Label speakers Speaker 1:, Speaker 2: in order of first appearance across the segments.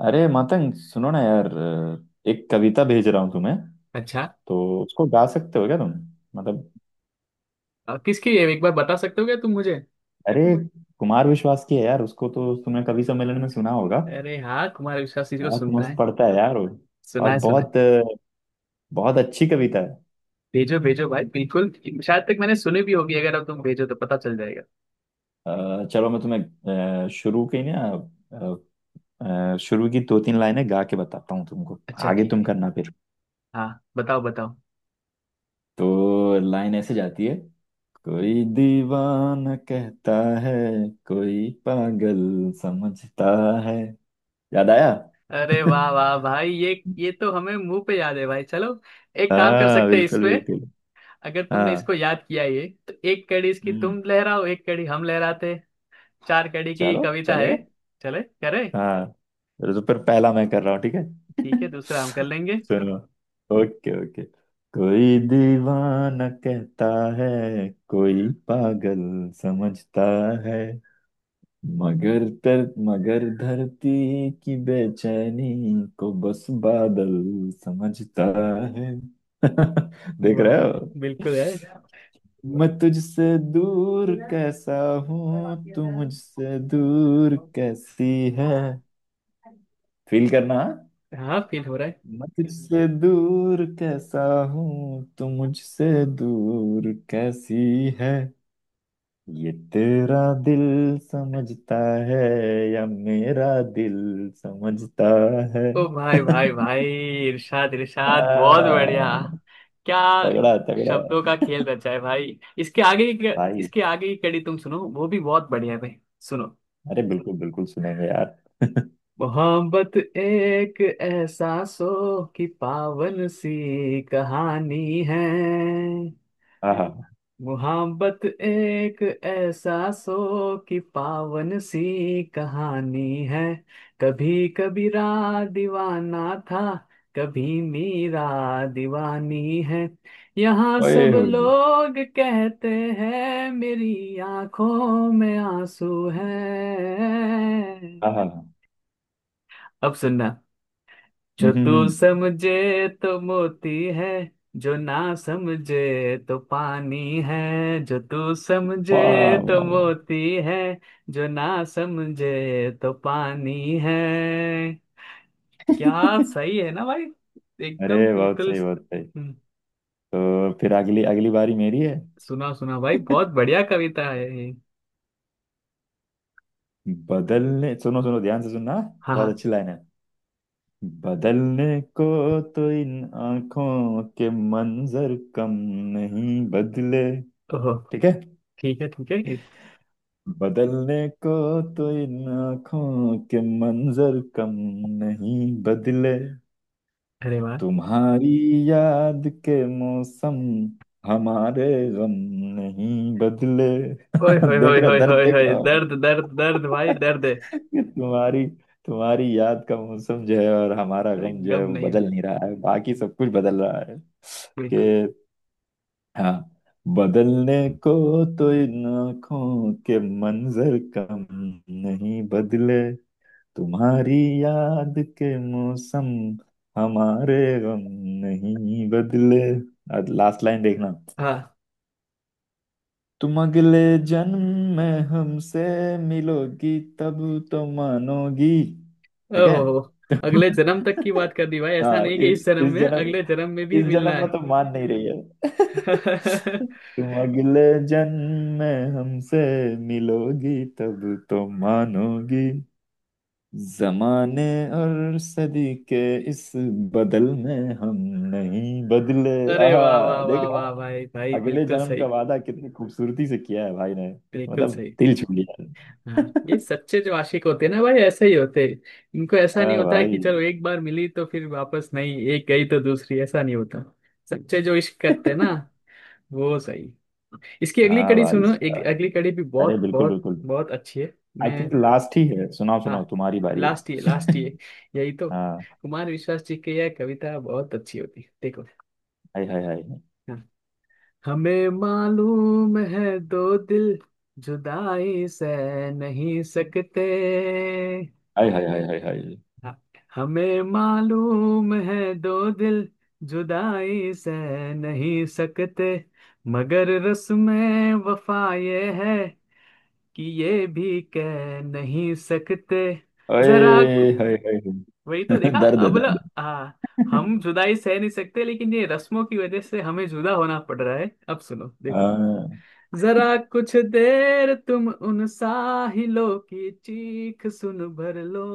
Speaker 1: अरे मतंग सुनो ना यार। एक कविता भेज रहा हूँ तुम्हें।
Speaker 2: अच्छा।
Speaker 1: तो उसको गा सकते हो क्या तुम? मतलब।
Speaker 2: किसकी है, एक बार बता सकते हो क्या तुम मुझे?
Speaker 1: अरे कुमार विश्वास की है यार, उसको तो तुमने कवि सम्मेलन में सुना होगा।
Speaker 2: अरे हाँ, कुमार विश्वास जी को
Speaker 1: बहुत
Speaker 2: सुनता
Speaker 1: मस्त
Speaker 2: है।
Speaker 1: पढ़ता है यार वो।
Speaker 2: सुना
Speaker 1: और
Speaker 2: है सुना है।
Speaker 1: बहुत बहुत अच्छी कविता है।
Speaker 2: भेजो भेजो भाई, बिल्कुल। शायद तक मैंने सुनी भी होगी, अगर अब तुम भेजो तो पता चल जाएगा।
Speaker 1: चलो मैं तुम्हें शुरू की ना। अ, शुरू की दो तीन लाइनें गा के बताता हूँ तुमको।
Speaker 2: अच्छा
Speaker 1: आगे
Speaker 2: ठीक
Speaker 1: तुम
Speaker 2: है।
Speaker 1: करना फिर।
Speaker 2: हाँ, बताओ बताओ।
Speaker 1: तो लाइन ऐसे जाती है। कोई दीवाना कहता है, कोई पागल समझता है। याद आया।
Speaker 2: अरे वाह वाह भाई, ये तो हमें मुंह पे याद है भाई। चलो। एक काम कर
Speaker 1: हाँ
Speaker 2: सकते हैं इस
Speaker 1: बिल्कुल
Speaker 2: पे।
Speaker 1: बिल्कुल।
Speaker 2: अगर तुमने
Speaker 1: हाँ।
Speaker 2: इसको याद किया ये तो एक कड़ी इसकी
Speaker 1: हम्म।
Speaker 2: तुम लहराओ, एक कड़ी हम लहराते हैं। चार कड़ी की
Speaker 1: चलो
Speaker 2: कविता है।
Speaker 1: चलेगा।
Speaker 2: चले करे।
Speaker 1: हाँ। तो फिर पहला मैं कर रहा हूँ, ठीक है।
Speaker 2: ठीक है, दूसरा हम कर लेंगे।
Speaker 1: सुनो। Okay okay. कोई दीवाना कहता है, कोई पागल समझता है। मगर तर मगर धरती की बेचैनी को बस बादल समझता है। देख
Speaker 2: वाह
Speaker 1: रहे
Speaker 2: वाह,
Speaker 1: हो।
Speaker 2: बिल्कुल है।
Speaker 1: मैं तुझसे दूर कैसा
Speaker 2: हाँ,
Speaker 1: हूँ,
Speaker 2: फील
Speaker 1: तू मुझसे दूर कैसी है। फील करना हाँ?
Speaker 2: हो रहा है।
Speaker 1: मैं तुझसे दूर कैसा हूँ, तू मुझसे दूर कैसी है। ये तेरा दिल समझता है या मेरा दिल समझता है।
Speaker 2: ओ भाई भाई भाई, इरशाद इरशाद, बहुत
Speaker 1: आ,
Speaker 2: बढ़िया। क्या
Speaker 1: तगड़ा तगड़ा
Speaker 2: शब्दों
Speaker 1: है
Speaker 2: का खेल रचा है भाई।
Speaker 1: भाई।
Speaker 2: इसके आगे की कड़ी तुम सुनो, वो भी बहुत बढ़िया है भाई। सुनो।
Speaker 1: अरे बिल्कुल बिल्कुल सुनेंगे यार।
Speaker 2: मोहब्बत एक एहसासों की पावन सी कहानी है।
Speaker 1: हाँ हाँ।
Speaker 2: मोहब्बत एक एहसासों की पावन सी कहानी है। कभी कबीरा दीवाना था, कभी मीरा दीवानी है। यहाँ
Speaker 1: ओए
Speaker 2: सब
Speaker 1: होए होए।
Speaker 2: लोग कहते हैं मेरी आंखों में आंसू है।
Speaker 1: हाँ हाँ हाँ।
Speaker 2: अब सुनना।
Speaker 1: हम्म
Speaker 2: जो
Speaker 1: हम्म
Speaker 2: तू
Speaker 1: हम्म।
Speaker 2: समझे तो मोती है, जो ना समझे तो पानी है। जो तू समझे
Speaker 1: वाह
Speaker 2: तो
Speaker 1: वाह वाह।
Speaker 2: मोती है, जो ना समझे तो पानी है। क्या सही है ना भाई।
Speaker 1: अरे
Speaker 2: एकदम
Speaker 1: बहुत
Speaker 2: बिल्कुल।
Speaker 1: सही बहुत सही।
Speaker 2: हम्म,
Speaker 1: तो फिर अगली अगली बारी मेरी है।
Speaker 2: सुना सुना भाई, बहुत बढ़िया कविता है ये।
Speaker 1: बदलने सुनो सुनो, ध्यान से सुनना।
Speaker 2: हाँ हाँ।
Speaker 1: बहुत अच्छी लाइन है। बदलने को तो इन आंखों के मंजर कम नहीं बदले।
Speaker 2: ओहो,
Speaker 1: ठीक है।
Speaker 2: ठीक है
Speaker 1: बदलने को तो इन आंखों के मंजर कम नहीं बदले।
Speaker 2: अरे वाह।
Speaker 1: तुम्हारी याद के मौसम हमारे गम नहीं बदले।
Speaker 2: ओए होए होए
Speaker 1: देख रहे हो,
Speaker 2: होए
Speaker 1: दर्द
Speaker 2: होए
Speaker 1: देख
Speaker 2: होए,
Speaker 1: रहे हो।
Speaker 2: दर्द दर्द दर्द भाई, दर्द है।
Speaker 1: तुम्हारी तुम्हारी याद का मौसम जो है और हमारा
Speaker 2: अरे,
Speaker 1: गम जो है,
Speaker 2: गम
Speaker 1: वो
Speaker 2: नहीं,
Speaker 1: बदल नहीं रहा है, बाकी सब कुछ बदल रहा है।
Speaker 2: बिल्कुल।
Speaker 1: कि हाँ, बदलने को तो इन आंखों के मंजर कम नहीं बदले। तुम्हारी याद के मौसम हमारे गम नहीं बदले। लास्ट लाइन देखना।
Speaker 2: हाँ।
Speaker 1: तुम अगले जन्म में हमसे मिलोगी तब तो मानोगी। ठीक है।
Speaker 2: ओहो, अगले जन्म तक की बात कर दी भाई, ऐसा
Speaker 1: हाँ,
Speaker 2: नहीं
Speaker 1: इ,
Speaker 2: कि इस जन्म
Speaker 1: इस
Speaker 2: में,
Speaker 1: जन्म
Speaker 2: अगले जन्म में भी
Speaker 1: इस
Speaker 2: मिलना
Speaker 1: जन्म में
Speaker 2: है।
Speaker 1: तो मान नहीं रही है। तुम अगले जन्म में हमसे मिलोगी तब तो मानोगी। जमाने और सदी के इस बदल में हम नहीं बदले।
Speaker 2: अरे
Speaker 1: आहा।
Speaker 2: वाह वाह
Speaker 1: देख
Speaker 2: वाह
Speaker 1: रहा
Speaker 2: वाह
Speaker 1: है?
Speaker 2: भाई भाई,
Speaker 1: अगले
Speaker 2: बिल्कुल
Speaker 1: जन्म का
Speaker 2: सही
Speaker 1: वादा कितनी खूबसूरती से किया है भाई ने।
Speaker 2: बिल्कुल
Speaker 1: मतलब
Speaker 2: सही।
Speaker 1: दिल छू लिया।
Speaker 2: हाँ, ये सच्चे जो आशिक होते हैं ना भाई, ऐसे ही होते हैं। इनको ऐसा नहीं
Speaker 1: हाँ
Speaker 2: होता है
Speaker 1: भाई।
Speaker 2: कि चलो एक बार मिली तो फिर वापस नहीं, एक गई तो दूसरी, ऐसा नहीं होता। सच्चे जो इश्क करते हैं ना, वो सही। इसकी अगली
Speaker 1: हाँ
Speaker 2: कड़ी
Speaker 1: भाई
Speaker 2: सुनो, एक
Speaker 1: साहब।
Speaker 2: अगली कड़ी भी
Speaker 1: अरे
Speaker 2: बहुत
Speaker 1: बिल्कुल
Speaker 2: बहुत
Speaker 1: बिल्कुल।
Speaker 2: बहुत अच्छी है।
Speaker 1: आई
Speaker 2: मैं
Speaker 1: थिंक लास्ट ही है, सुनाओ
Speaker 2: हाँ।
Speaker 1: सुनाओ, तुम्हारी बारी
Speaker 2: लास्ट ये
Speaker 1: है।
Speaker 2: लास्ट ये यही तो
Speaker 1: हाँ।
Speaker 2: कुमार विश्वास जी की यह कविता बहुत अच्छी होती है, देखो।
Speaker 1: हाय हाय हाय
Speaker 2: हाँ, हमें मालूम है दो दिल जुदाई सह नहीं सकते।
Speaker 1: हाय। हाय हाय हाय हाय।
Speaker 2: हाँ, हमें मालूम है दो दिल जुदाई सह नहीं सकते, मगर रस्में वफा ये है कि ये भी कह नहीं सकते।
Speaker 1: ओए
Speaker 2: जरा,
Speaker 1: हाय हाय हाय।
Speaker 2: वही तो देखा
Speaker 1: दर्द है
Speaker 2: अब,
Speaker 1: दर्द
Speaker 2: मतलब
Speaker 1: है।
Speaker 2: हाँ। हम जुदाई सह नहीं सकते, लेकिन ये रस्मों की वजह से हमें जुदा होना पड़ रहा है। अब सुनो, देखो।
Speaker 1: हाँ।
Speaker 2: जरा कुछ देर तुम उन साहिलों की चीख सुन भर लो।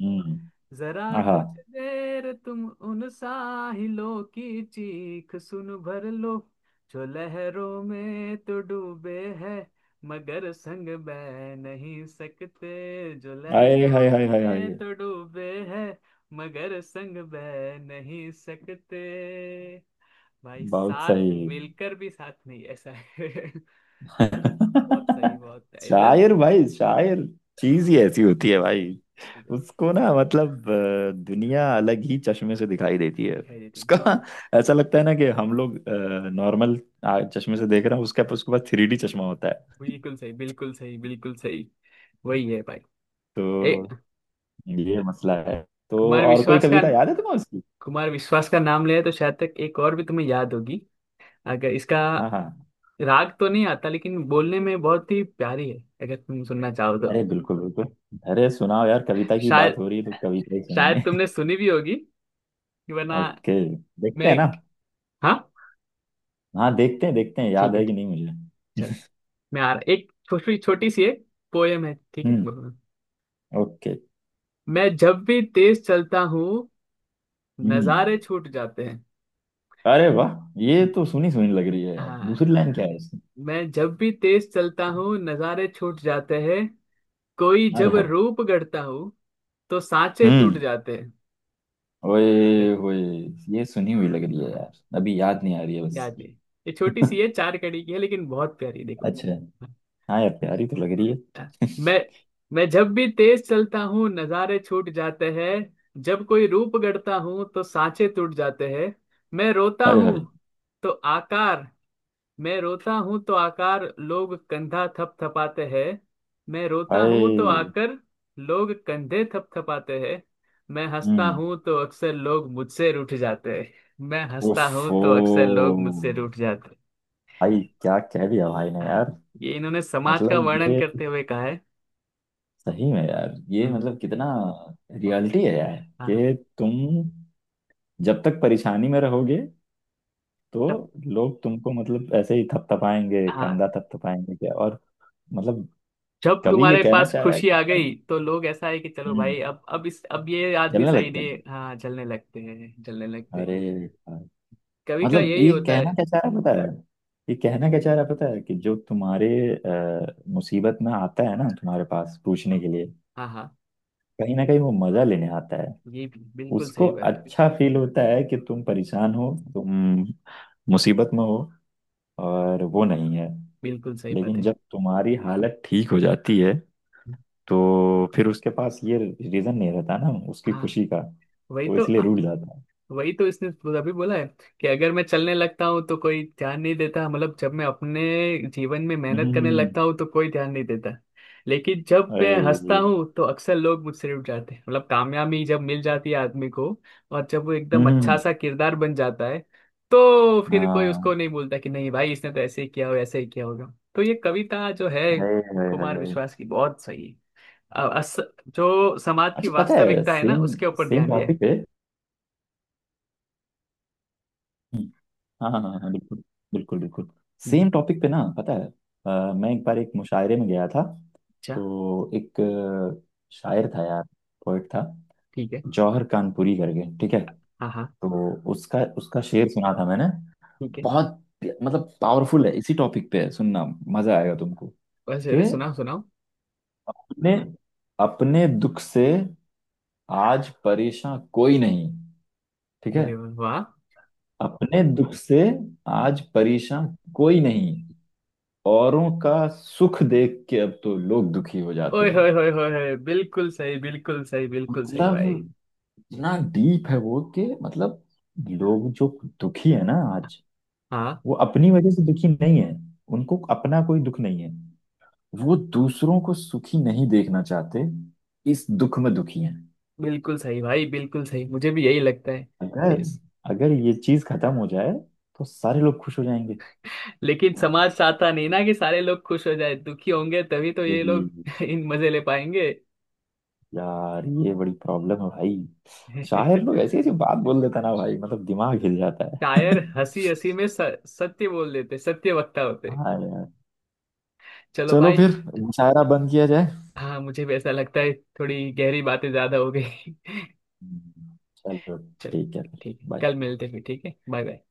Speaker 1: हम्म।
Speaker 2: जरा
Speaker 1: आहा।
Speaker 2: कुछ देर तुम उन साहिलों की चीख सुन भर लो। जो लहरों में तो डूबे हैं, मगर संग बह नहीं सकते। जो
Speaker 1: हाय हाय
Speaker 2: लहरों
Speaker 1: हाय हाय
Speaker 2: में
Speaker 1: हाय।
Speaker 2: तो डूबे हैं, मगर संग बह नहीं सकते। भाई
Speaker 1: बहुत
Speaker 2: साथ
Speaker 1: सही।
Speaker 2: मिलकर भी साथ नहीं, ऐसा है। बहुत सही, बहुत है इधर।
Speaker 1: शायर भाई शायर। चीज ही
Speaker 2: हाँ,
Speaker 1: ऐसी होती है
Speaker 2: ये जी,
Speaker 1: भाई।
Speaker 2: मुझे
Speaker 1: उसको ना, मतलब दुनिया अलग ही चश्मे से दिखाई देती है।
Speaker 2: दिखाई देती है।
Speaker 1: उसका
Speaker 2: बिल्कुल।
Speaker 1: ऐसा लगता है ना कि हम लोग नॉर्मल चश्मे से देख रहे हैं, उसके उसके पास 3D चश्मा होता है।
Speaker 2: बिल्कुल सही, बिल्कुल सही, बिल्कुल सही। वही है भाई। ए,
Speaker 1: तो ये मसला है। तो
Speaker 2: कुमार
Speaker 1: और कोई
Speaker 2: विश्वास का
Speaker 1: कविता याद है तुम्हें उसकी?
Speaker 2: कुमार विश्वास का नाम लिया तो शायद तक एक और भी तुम्हें याद होगी। अगर इसका
Speaker 1: हाँ हाँ।
Speaker 2: राग तो नहीं आता, लेकिन बोलने में बहुत ही प्यारी है। अगर तुम सुनना चाहो तो।
Speaker 1: अरे बिल्कुल बिल्कुल। अरे सुनाओ यार, कविता की बात
Speaker 2: शायद
Speaker 1: हो रही है तो कविता ही
Speaker 2: शायद
Speaker 1: सुनेंगे।
Speaker 2: तुमने सुनी भी होगी, वरना।
Speaker 1: ओके। देखते
Speaker 2: मैं
Speaker 1: हैं ना।
Speaker 2: एक हाँ।
Speaker 1: हाँ, देखते हैं देखते हैं,
Speaker 2: ठीक
Speaker 1: याद
Speaker 2: है
Speaker 1: है कि
Speaker 2: ठीक,
Speaker 1: नहीं मुझे।
Speaker 2: चलो। मैं आ रहा, एक छोटी छोटी सी एक पोयम है, ठीक है?
Speaker 1: हम्म।
Speaker 2: बोलो।
Speaker 1: ओके।
Speaker 2: मैं जब भी तेज चलता हूँ,
Speaker 1: हम्म।
Speaker 2: नजारे छूट जाते हैं।
Speaker 1: अरे वाह। ये तो सुनी सुनी लग रही है यार,
Speaker 2: हाँ,
Speaker 1: दूसरी लाइन क्या है इसकी?
Speaker 2: मैं जब भी तेज चलता हूँ, नजारे छूट जाते हैं। कोई
Speaker 1: हाय
Speaker 2: जब
Speaker 1: हाय।
Speaker 2: रूप गढ़ता हूँ, तो सांचे टूट
Speaker 1: हम्म।
Speaker 2: जाते हैं।
Speaker 1: ओए
Speaker 2: देखो।
Speaker 1: होए। ये सुनी हुई लग रही है
Speaker 2: हाँ,
Speaker 1: यार, अभी याद नहीं आ रही है बस।
Speaker 2: याद नहीं। ये छोटी सी है, चार कड़ी की है, लेकिन बहुत प्यारी। देखो।
Speaker 1: अच्छा। हाँ यार, प्यारी तो लग रही है।
Speaker 2: हाँ, मैं मैं जब भी तेज चलता हूँ, नजारे छूट जाते हैं। जब कोई रूप गढ़ता हूँ तो सांचे टूट जाते हैं। मैं रोता
Speaker 1: हाय
Speaker 2: हूँ
Speaker 1: हाय
Speaker 2: तो आकार मैं रोता हूं तो आकार लोग कंधा थपथपाते हैं। मैं रोता हूं तो
Speaker 1: हाय।
Speaker 2: आकर लोग कंधे थपथपाते हैं। मैं हंसता
Speaker 1: हम्म।
Speaker 2: हूं तो अक्सर लोग मुझसे रूठ जाते हैं। मैं हंसता हूं
Speaker 1: ओफो।
Speaker 2: तो अक्सर लोग मुझसे रूठ जाते हैं।
Speaker 1: भाई क्या कह दिया भाई ने
Speaker 2: हाँ,
Speaker 1: यार।
Speaker 2: ये इन्होंने समाज का
Speaker 1: मतलब
Speaker 2: वर्णन
Speaker 1: ये
Speaker 2: करते हुए कहा है।
Speaker 1: सही में यार, ये
Speaker 2: हम्म।
Speaker 1: मतलब कितना रियलिटी है यार।
Speaker 2: हाँ।
Speaker 1: कि तुम जब तक परेशानी में रहोगे तो
Speaker 2: तब।
Speaker 1: लोग तुमको, मतलब ऐसे ही थपथपाएंगे,
Speaker 2: हाँ,
Speaker 1: कंधा थपथपाएंगे क्या और। मतलब
Speaker 2: जब
Speaker 1: कवि ये
Speaker 2: तुम्हारे
Speaker 1: कहना
Speaker 2: पास
Speaker 1: चाह रहा है
Speaker 2: खुशी आ
Speaker 1: कि
Speaker 2: गई तो लोग ऐसा है कि चलो
Speaker 1: हम्म,
Speaker 2: भाई, अब ये आदमी
Speaker 1: जलने
Speaker 2: सही
Speaker 1: लगते
Speaker 2: नहीं
Speaker 1: हैं।
Speaker 2: है। हाँ, जलने लगते हैं जलने लगते
Speaker 1: अरे
Speaker 2: हैं।
Speaker 1: यार,
Speaker 2: कवि का
Speaker 1: मतलब
Speaker 2: यही
Speaker 1: ये
Speaker 2: होता
Speaker 1: कहना
Speaker 2: है।
Speaker 1: क्या चाह रहा है पता है। ये कहना क्या चाह रहा है पता है कि जो तुम्हारे मुसीबत में आता है ना तुम्हारे पास पूछने के लिए,
Speaker 2: हाँ हाँ।
Speaker 1: कहीं ना कहीं वो मजा लेने आता है।
Speaker 2: ये भी बिल्कुल
Speaker 1: उसको
Speaker 2: सही बात है।
Speaker 1: अच्छा फील होता है कि तुम परेशान हो, तुम मुसीबत में हो और वो नहीं है।
Speaker 2: बिल्कुल सही बात
Speaker 1: लेकिन
Speaker 2: है।
Speaker 1: जब तुम्हारी हालत ठीक हो जाती है तो फिर उसके पास ये रीजन नहीं रहता ना उसकी
Speaker 2: हाँ।
Speaker 1: खुशी का,
Speaker 2: वही
Speaker 1: तो
Speaker 2: तो
Speaker 1: इसलिए
Speaker 2: आ-
Speaker 1: रूठ जाता है।
Speaker 2: वही तो इसने अभी बोला है, कि अगर मैं चलने लगता हूँ तो कोई ध्यान नहीं देता, मतलब जब मैं अपने जीवन में मेहनत करने
Speaker 1: हम्म।
Speaker 2: लगता हूँ तो कोई ध्यान नहीं देता। लेकिन जब मैं
Speaker 1: अरे।
Speaker 2: हंसता हूँ तो अक्सर लोग मुझसे रुठ जाते हैं, मतलब कामयाबी जब मिल जाती है आदमी को, और जब वो एकदम अच्छा
Speaker 1: हम्म।
Speaker 2: सा किरदार बन जाता है, तो फिर कोई उसको
Speaker 1: हाँ।
Speaker 2: नहीं बोलता कि नहीं भाई इसने तो ऐसे ही किया हो, ऐसे ही किया होगा। तो ये कविता जो है
Speaker 1: अरे अरे अरे
Speaker 2: कुमार
Speaker 1: अरे।
Speaker 2: विश्वास की, बहुत सही है। अ- अस, जो समाज की
Speaker 1: अच्छा, पता है,
Speaker 2: वास्तविकता है ना,
Speaker 1: सेम
Speaker 2: उसके ऊपर
Speaker 1: सेम
Speaker 2: ध्यान दिया है।
Speaker 1: टॉपिक पे। हाँ हाँ हाँ, बिल्कुल बिल्कुल बिल्कुल।
Speaker 2: हम्म।
Speaker 1: सेम टॉपिक पे ना, पता है। मैं एक बार एक मुशायरे में गया था।
Speaker 2: अच्छा
Speaker 1: तो एक शायर था यार, पोइट था।
Speaker 2: ठीक है।
Speaker 1: जौहर कानपुरी करके, ठीक है।
Speaker 2: हाँ हाँ,
Speaker 1: तो उसका उसका शेर सुना था मैंने।
Speaker 2: ठीक है।
Speaker 1: बहुत मतलब पावरफुल है, इसी टॉपिक पे है, सुनना मजा आएगा तुमको।
Speaker 2: बस
Speaker 1: कि
Speaker 2: अरे, सुनाओ सुनाओ।
Speaker 1: अपने अपने दुख से आज परेशान कोई नहीं, ठीक है।
Speaker 2: अरे वाह।
Speaker 1: अपने दुख से आज परेशान कोई नहीं, औरों का सुख देख के अब तो लोग दुखी हो जाते
Speaker 2: ओए
Speaker 1: हैं।
Speaker 2: होए होए होए होए, बिल्कुल सही, बिल्कुल सही, बिल्कुल सही
Speaker 1: मतलब
Speaker 2: भाई।
Speaker 1: इतना डीप है वो कि, मतलब लोग जो दुखी है ना आज,
Speaker 2: हाँ,
Speaker 1: वो अपनी वजह से दुखी नहीं है। उनको अपना कोई दुख नहीं है। वो दूसरों को सुखी नहीं देखना चाहते, इस दुख में दुखी हैं।
Speaker 2: बिल्कुल सही भाई, बिल्कुल सही, मुझे भी यही लगता है।
Speaker 1: अगर
Speaker 2: यस।
Speaker 1: अगर ये चीज खत्म हो जाए तो सारे लोग खुश हो जाएंगे।
Speaker 2: लेकिन समाज चाहता नहीं ना कि सारे लोग खुश हो जाए, दुखी होंगे तभी तो ये
Speaker 1: यही
Speaker 2: लोग इन मजे ले पाएंगे।
Speaker 1: यार, ये बड़ी प्रॉब्लम है भाई। शायर लोग ऐसी ऐसी बात बोल देता ना भाई, मतलब दिमाग हिल जाता है।
Speaker 2: शायर हंसी हंसी में सत्य बोल देते, सत्य वक्ता होते।
Speaker 1: हाँ यार।
Speaker 2: चलो
Speaker 1: चलो
Speaker 2: भाई।
Speaker 1: फिर, मुशायरा बंद किया जाए।
Speaker 2: हाँ, मुझे भी ऐसा लगता है। थोड़ी गहरी बातें ज्यादा हो गई।
Speaker 1: चलो। ठीक है
Speaker 2: चलो
Speaker 1: फिर।
Speaker 2: ठीक है।
Speaker 1: बाय।
Speaker 2: कल मिलते हैं फिर। ठीक है, बाय बाय।